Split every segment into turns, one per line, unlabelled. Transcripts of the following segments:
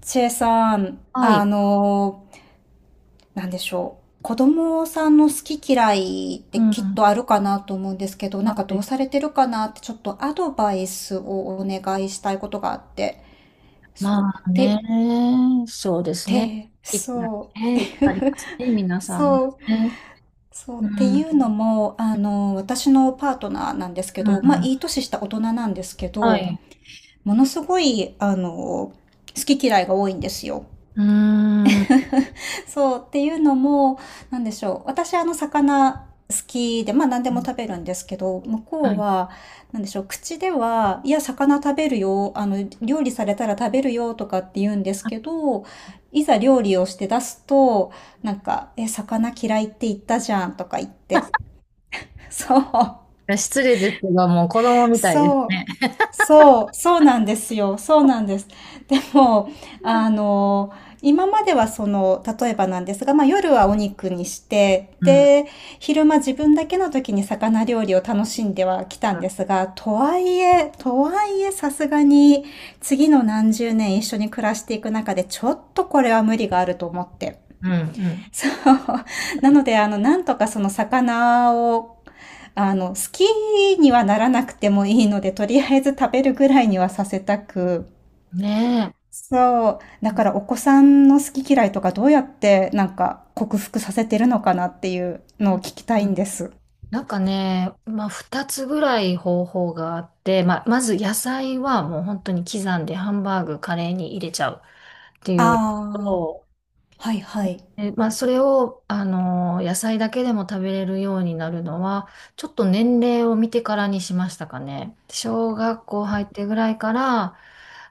チェさん、
はい。
なんでしょう。子供さんの好き嫌いっ
う
てきっ
ん。
とあるかなと思うんですけど、な
は
んかどう
い。
されてるかなってちょっとアドバイスをお願いしたいことがあって。
ま
そう。
あ
で、
ね、そうですね。
で、
いっぱ
そ
い
う。
ね、いっぱいありますね、皆 さん
そう、
ね。
そうっ
う
てい
ん。
うのも、私のパートナーなんですけ
うん。
ど、まあ、いい年した大人なんですけ
は
ど、
い。
ものすごい、好き嫌いが多いんですよ。
うーん。
そうっていうのも、なんでしょう。私魚好きで、まあ何でも食べるんですけど、向
は
こう
い。
は、なんでしょう。口では、いや、魚食べるよ。料理されたら食べるよとかって言うんですけ
い
ど、いざ料理をして出すと、なんか、え、魚嫌いって言ったじゃんとか言って。そう。
や、失礼ですが、もう子供みたいです
そう。
ね。
そう、そうなんですよ。そうなんです。でも、あの、今まではその、例えばなんですが、まあ夜はお肉にして、
うん。うん。
で、昼間自分だけの時に魚料理を楽しんではきたんですが、とはいえさすがに次の何十年一緒に暮らしていく中でちょっとこれは無理があると思って。
うん。
そう。なので、なんとかその魚を、好きにはならなくてもいいので、とりあえず食べるぐらいにはさせたく。
うんねえ。
そう。だ
う
からお子さんの好き嫌いとかどうやってなんか克服させてるのかなっていうのを聞きたい
ん。
んです。
なんかね、まあ、2つぐらい方法があって、まあ、まず野菜はもう本当に刻んでハンバーグ、カレーに入れちゃうってい
あ
うの
あ、
と、
はいはい。
え、まあ、それを、野菜だけでも食べれるようになるのは、ちょっと年齢を見てからにしましたかね。小学校入ってぐらいから、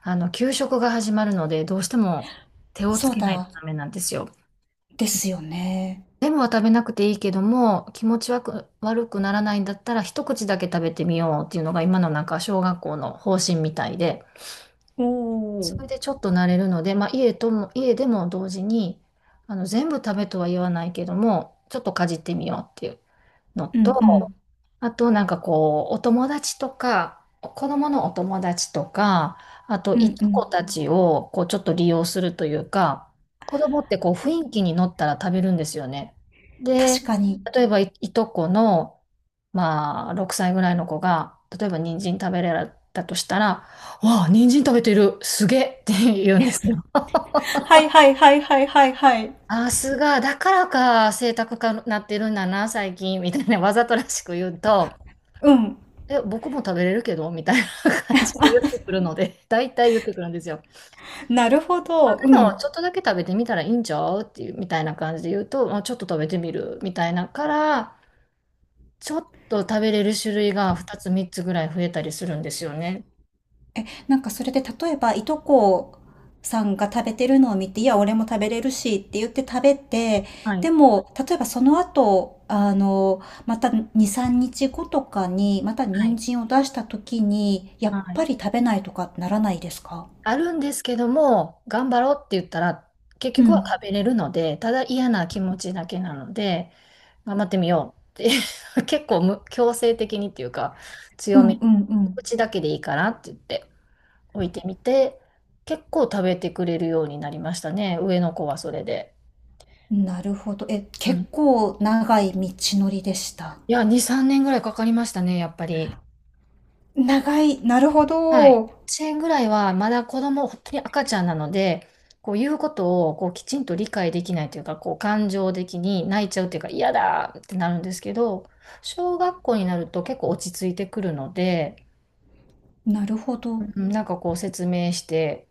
あの、給食が始まるので、どうしても手をつ
そう
けないと
だ。
ダメなんですよ。
ですよね。
全部は食べなくていいけども、気持ち悪くならないんだったら、一口だけ食べてみようっていうのが今のなんか小学校の方針みたいで。
お
そ
お。
れでちょっと慣れるので、まあ、家でも同時に、あの、全部食べとは言わないけども、ちょっとかじってみようっていうの
うんう
と、
ん。
あとなんかこう、お友達とか、子供のお友達とか、あと
う
い
んう
とこ
ん。
たちをこうちょっと利用するというか、子供ってこう雰囲気に乗ったら食べるんですよね。で、
確かに。
例えばいとこの、まあ、6歳ぐらいの子が、例えば人参食べれたとしたら、わあ、人参食べてる、すげえって言うんですよ。
はいはいはいはいはいはい。
あ、だからか、性格かなってるんだな、最近、みたいなわざとらしく言うと、
うん。
え、僕も食べれるけどみたいな感じで言ってくるので、大体言ってくるんですよ。
なるほど。う
でも、
ん。
ちょっとだけ食べてみたらいいんちゃうっていう、みたいな感じで言うと、まあ、ちょっと食べてみるみたいなから、ちょっと食べれる種類が2つ3つぐらい増えたりするんですよね。
え、なんかそれで例えば、いとこさんが食べてるのを見て、いや、俺も食べれるしって言って食べて、
は
で
い。
も、例えばその後、また2、3日後とかに、また
は
人
い。
参を出した時に、やっ
は
ぱ
い、
り食べないとかならないですか？
あるんですけども、頑張ろうって言ったら、結
う
局は
ん。
食べれるので、ただ嫌な気持ちだけなので、頑張ってみようって、 結構、強制的にっていうか、
う
強
ん
めに、
うん
口だけでいいからって言って置いてみて、結構食べてくれるようになりましたね、上の子はそれで。
うん。なるほど。え、
う
結
ん。
構長い道のりでした。
いや、2、3年ぐらいかかりましたね、やっぱり。
長い。なるほ
はい。
ど。
1円ぐらいはまだ子供、本当に赤ちゃんなので、こう言うことをこうきちんと理解できないというか、こう感情的に泣いちゃうというか、嫌だってなるんですけど、小学校になると結構落ち着いてくるので、
なるほ
う
ど。
ん、なんかこう説明して、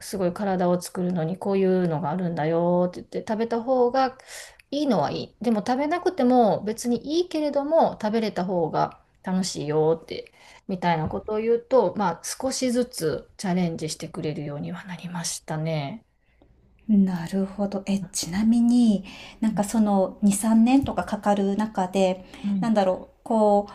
すごい体を作るのにこういうのがあるんだよって言って食べた方がいいのはいい。でも食べなくても別にいいけれども食べれた方が楽しいよってみたいなことを言うと、まあ少しずつチャレンジしてくれるようにはなりましたね。
なるほど。え、ちなみになんかその2、3年とかかかる中で、
は
な
い。
んだろう、こ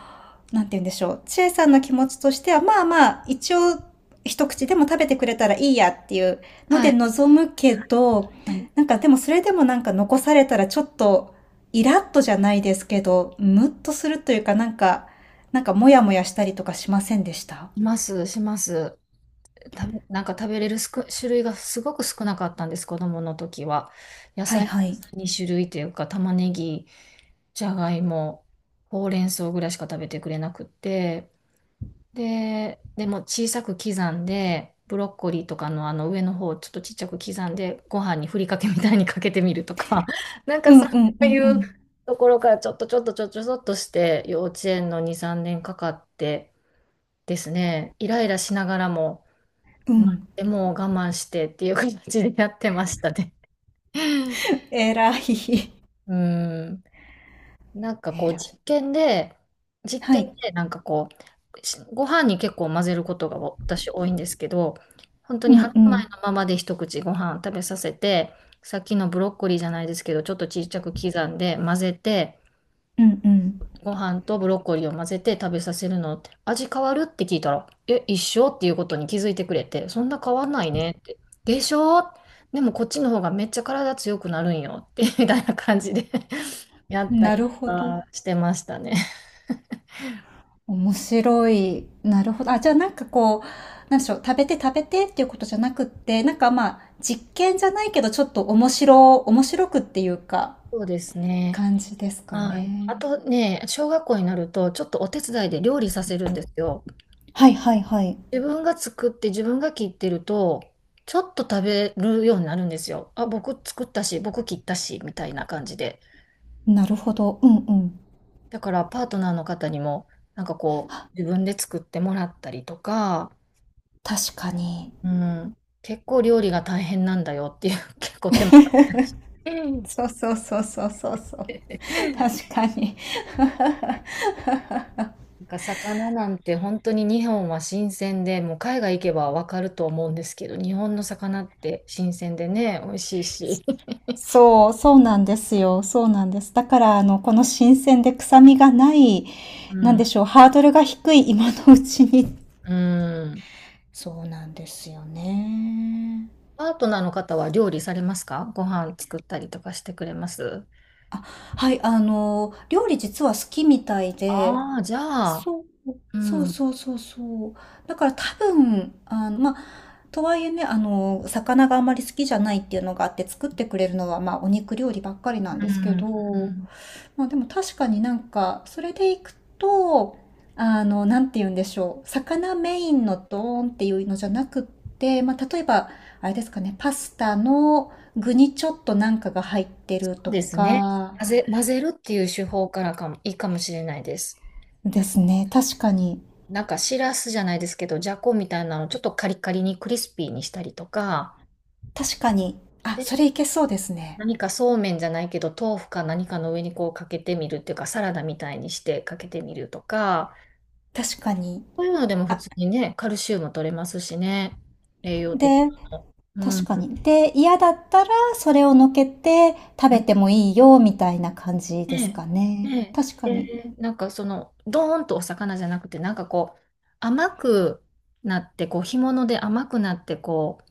う、なんて言うんでしょう。千恵さんの気持ちとしては、まあまあ、一応一口でも食べてくれたらいいやっていうの
は
で
い。
望むけど、
はい、
なんかでもそれでもなんか残されたらちょっとイラッとじゃないですけど、ムッとするというかなんか、なんかモヤモヤしたりとかしませんでした？
います、します。なんか食べれる種類がすごく少なかったんです、子供の時は。野
はい
菜
はい。
2種類というか、玉ねぎ、じゃがいも、ほうれん草ぐらいしか食べてくれなくって、で、でも小さく刻んで、ブロッコリーとかのあの上の方をちょっとちっちゃく刻んで、ご飯にふりかけみたいにかけてみるとか、なんか
うんう
そ
んう
う
ん
い
う
う
ん。
ところからちょっとちょっとちょっとちょっとして、幼稚園の2、3年かかってですね、イライラしながらも、
う
まあ、
ん。
でも我慢してっていう形でやってましたね。
えらい。
うん。なんかこ
え
う
らい。
実験で、実
は
験
い。
でなんかこう、ご飯に結構混ぜることが私多いんですけど、本当
う
に
ん
白
う
米の
ん。
ままで一口ご飯食べさせて、さっきのブロッコリーじゃないですけど、ちょっとちっちゃく刻んで混ぜて、
うんう
ご飯とブロッコリーを混ぜて食べさせるのって、味変わるって聞いたら、え、一緒っていうことに気づいてくれて、そんな変わんないねって。でしょ。でもこっちの方がめっちゃ体強くなるんよって、みたいな感じで やっ
ん。
たり
なる
と
ほど。
かしてましたね。
面白い。なるほど。あ、じゃあなんかこう、なんでしょう。食べて食べてっていうことじゃなくって、なんかまあ、実験じゃないけど、ちょっと面白くっていうか、
そうですね。
感じですか
はい。
ね。
あとね、小学校になると、ちょっとお手伝いで料理させるんですよ。
はいはいはい。
自分が作って自分が切ってると、ちょっと食べるようになるんですよ。あ、僕作ったし、僕切ったし、みたいな感じで。
なるほど。うんうん。
だからパートナーの方にも、なんかこう、自分で作ってもらったりとか、
確かに。
うん、結構料理が大変なんだよっていう、結構手間かかったりして、
そうそうそうそうそうそう。確かに。
なんか魚なんて本当に日本は新鮮で、もう海外行けばわかると思うんですけど、日本の魚って新鮮でね、美味しいし。
そう、そうなんですよ。そうなんです。だから、この新鮮で臭みがない、
う
なんで
ん、
しょう、ハードルが低い今のうちに。
うん。
そうなんですよね。
パートナーの方は料理されますか？ご飯作ったりとかしてくれます？
はい、料理実は好きみたいで、
ああー、じゃあ、
そう、
う
そう
ん、うん、
そうそうそう。だから多分、まあ、とはいえね、魚があまり好きじゃないっていうのがあって作ってくれるのは、まあ、お肉料理ばっかりな
う
んですけ
ん、
ど、まあでも確かになんか、それでいくと、なんて言うんでしょう。魚メインのドーンっていうのじゃなくって、まあ例えば、あれですかね、パスタの具にちょっとなんかが入ってると
ですね。
か、
混ぜるっていう手法からかも、いいかもしれないです。
で
な、
すね。確かに。
なんかしらすじゃないですけど、じゃこみたいなのちょっとカリカリにクリスピーにしたりとか、
確かに。あ、
で、
それいけそうですね。
何かそうめんじゃないけど、豆腐か何かの上にこうかけてみるっていうか、サラダみたいにしてかけてみるとか、
確かに。
そういうのでも普
あ、
通にね、カルシウム取れますしね、栄養的
で、
なの。う
確か
ん。
に。で、嫌だったらそれをのけて食べてもいいよ、みたいな感じ
え
です
え、
か
え
ね。
え、
確か
え
に。
え、なんかその、ドーンとお魚じゃなくて、なんかこう、甘くなって、こう、干物で甘くなって、こう、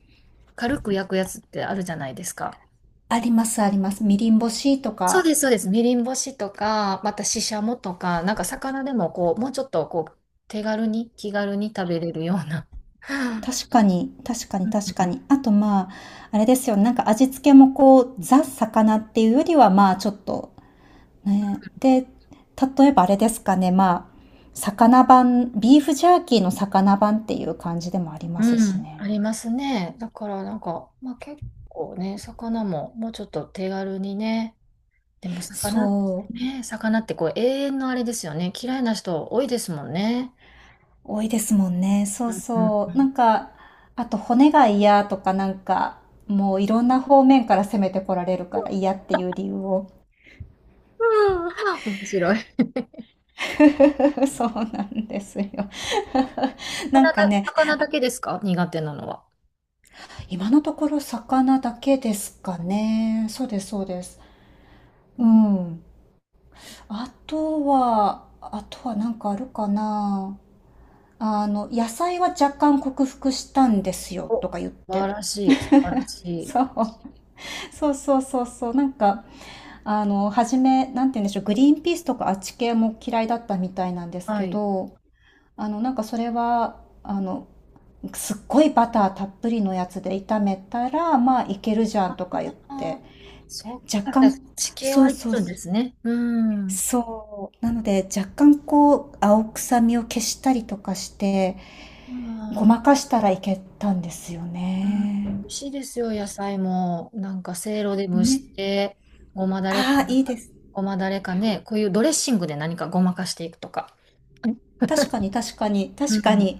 軽く焼くやつってあるじゃないですか。
ありますあります。みりん干しと
そう
か。
です、そうです。みりん干しとか、またししゃもとか、なんか魚でもこう、もうちょっとこう、手軽に、気軽に食べれるような。
確かに、確か
う
に、
ん
確か
うん
に。あと、まあ、あれですよね。なんか味付けもこう、ザ・魚っていうよりは、まあ、ちょっと、ね。で、例えばあれですかね。まあ、魚版、ビーフジャーキーの魚版っていう感じでもあります
う
し
ん、あ
ね。
りますね。だからなんか、まあ、結構ね、魚ももうちょっと手軽にね、でも魚って
そう。
ね、魚ってこう、永遠のあれですよね。嫌いな人多いですもんね。
多いですもんね。そう
うんう
そう。な
ん。
んか、あと骨が嫌とかなんか、もういろんな方面から攻めてこられるから嫌っていう理由を
面白い。
そうなんですよ なんかね、
魚だけですか、苦手なのは？
今のところ魚だけですかね。そうです、そうです。
う
う
ん。
ん。あとはなんかあるかな。野菜は若干克服したんですよ、
お、素
とか言って。
晴らしい、素晴らしい。
そう、そうそうそうそう。なんか、初め、なんて言うんでしょう、グリーンピースとかあっち系も嫌いだったみたいなんです
は
け
い。
ど、なんかそれは、すっごいバターたっぷりのやつで炒めたら、まあいけるじゃんとか言っ
あ
て、
あ、そう
若
か、じゃあ
干、
地形
そ
は
う
いけ
そう
るんで
そう、
すね。うん。
そう、なので若干こう、青臭みを消したりとかして、ご
ああ、
まかしたらいけたんですよ
うん、美
ね。
味しいですよ、野菜も。なんか、せいろで蒸
ね。
して、ごまだれか、
ああ、いいです。
ごまだれかね、こういうドレッシングで何かごまかしていくとか。
確かに確かに
う
確か
ん。
に。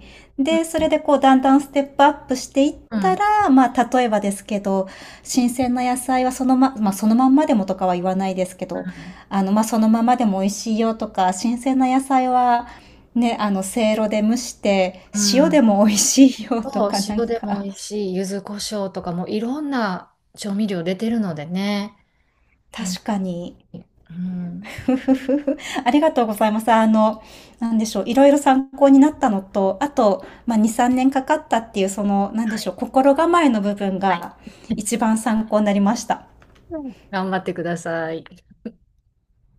う
で、そ
ん。
れでこうだんだんステップアップしていっ
う
た
ん
ら、まあ例えばですけど、新鮮な野菜はまあそのまんまでもとかは言わないですけ
う
ど、
ん。
まあそのままでも美味しいよとか、新鮮な野菜はね、せいろで蒸して
う
塩
ん。
でも美味しいよと
そう、
かなん
塩でも
か、
美味しい、柚子胡椒とかもいろんな調味料出てるのでね。うん。
確かに
うん。
ふふふふ。ありがとうございます。なんでしょう、いろいろ参考になったのと、あと、まあ、2、3年かかったっていう、その、なんで
は
しょう、
い。
心構えの部分
はい。
が一番参考になりました。
うん、頑張ってください。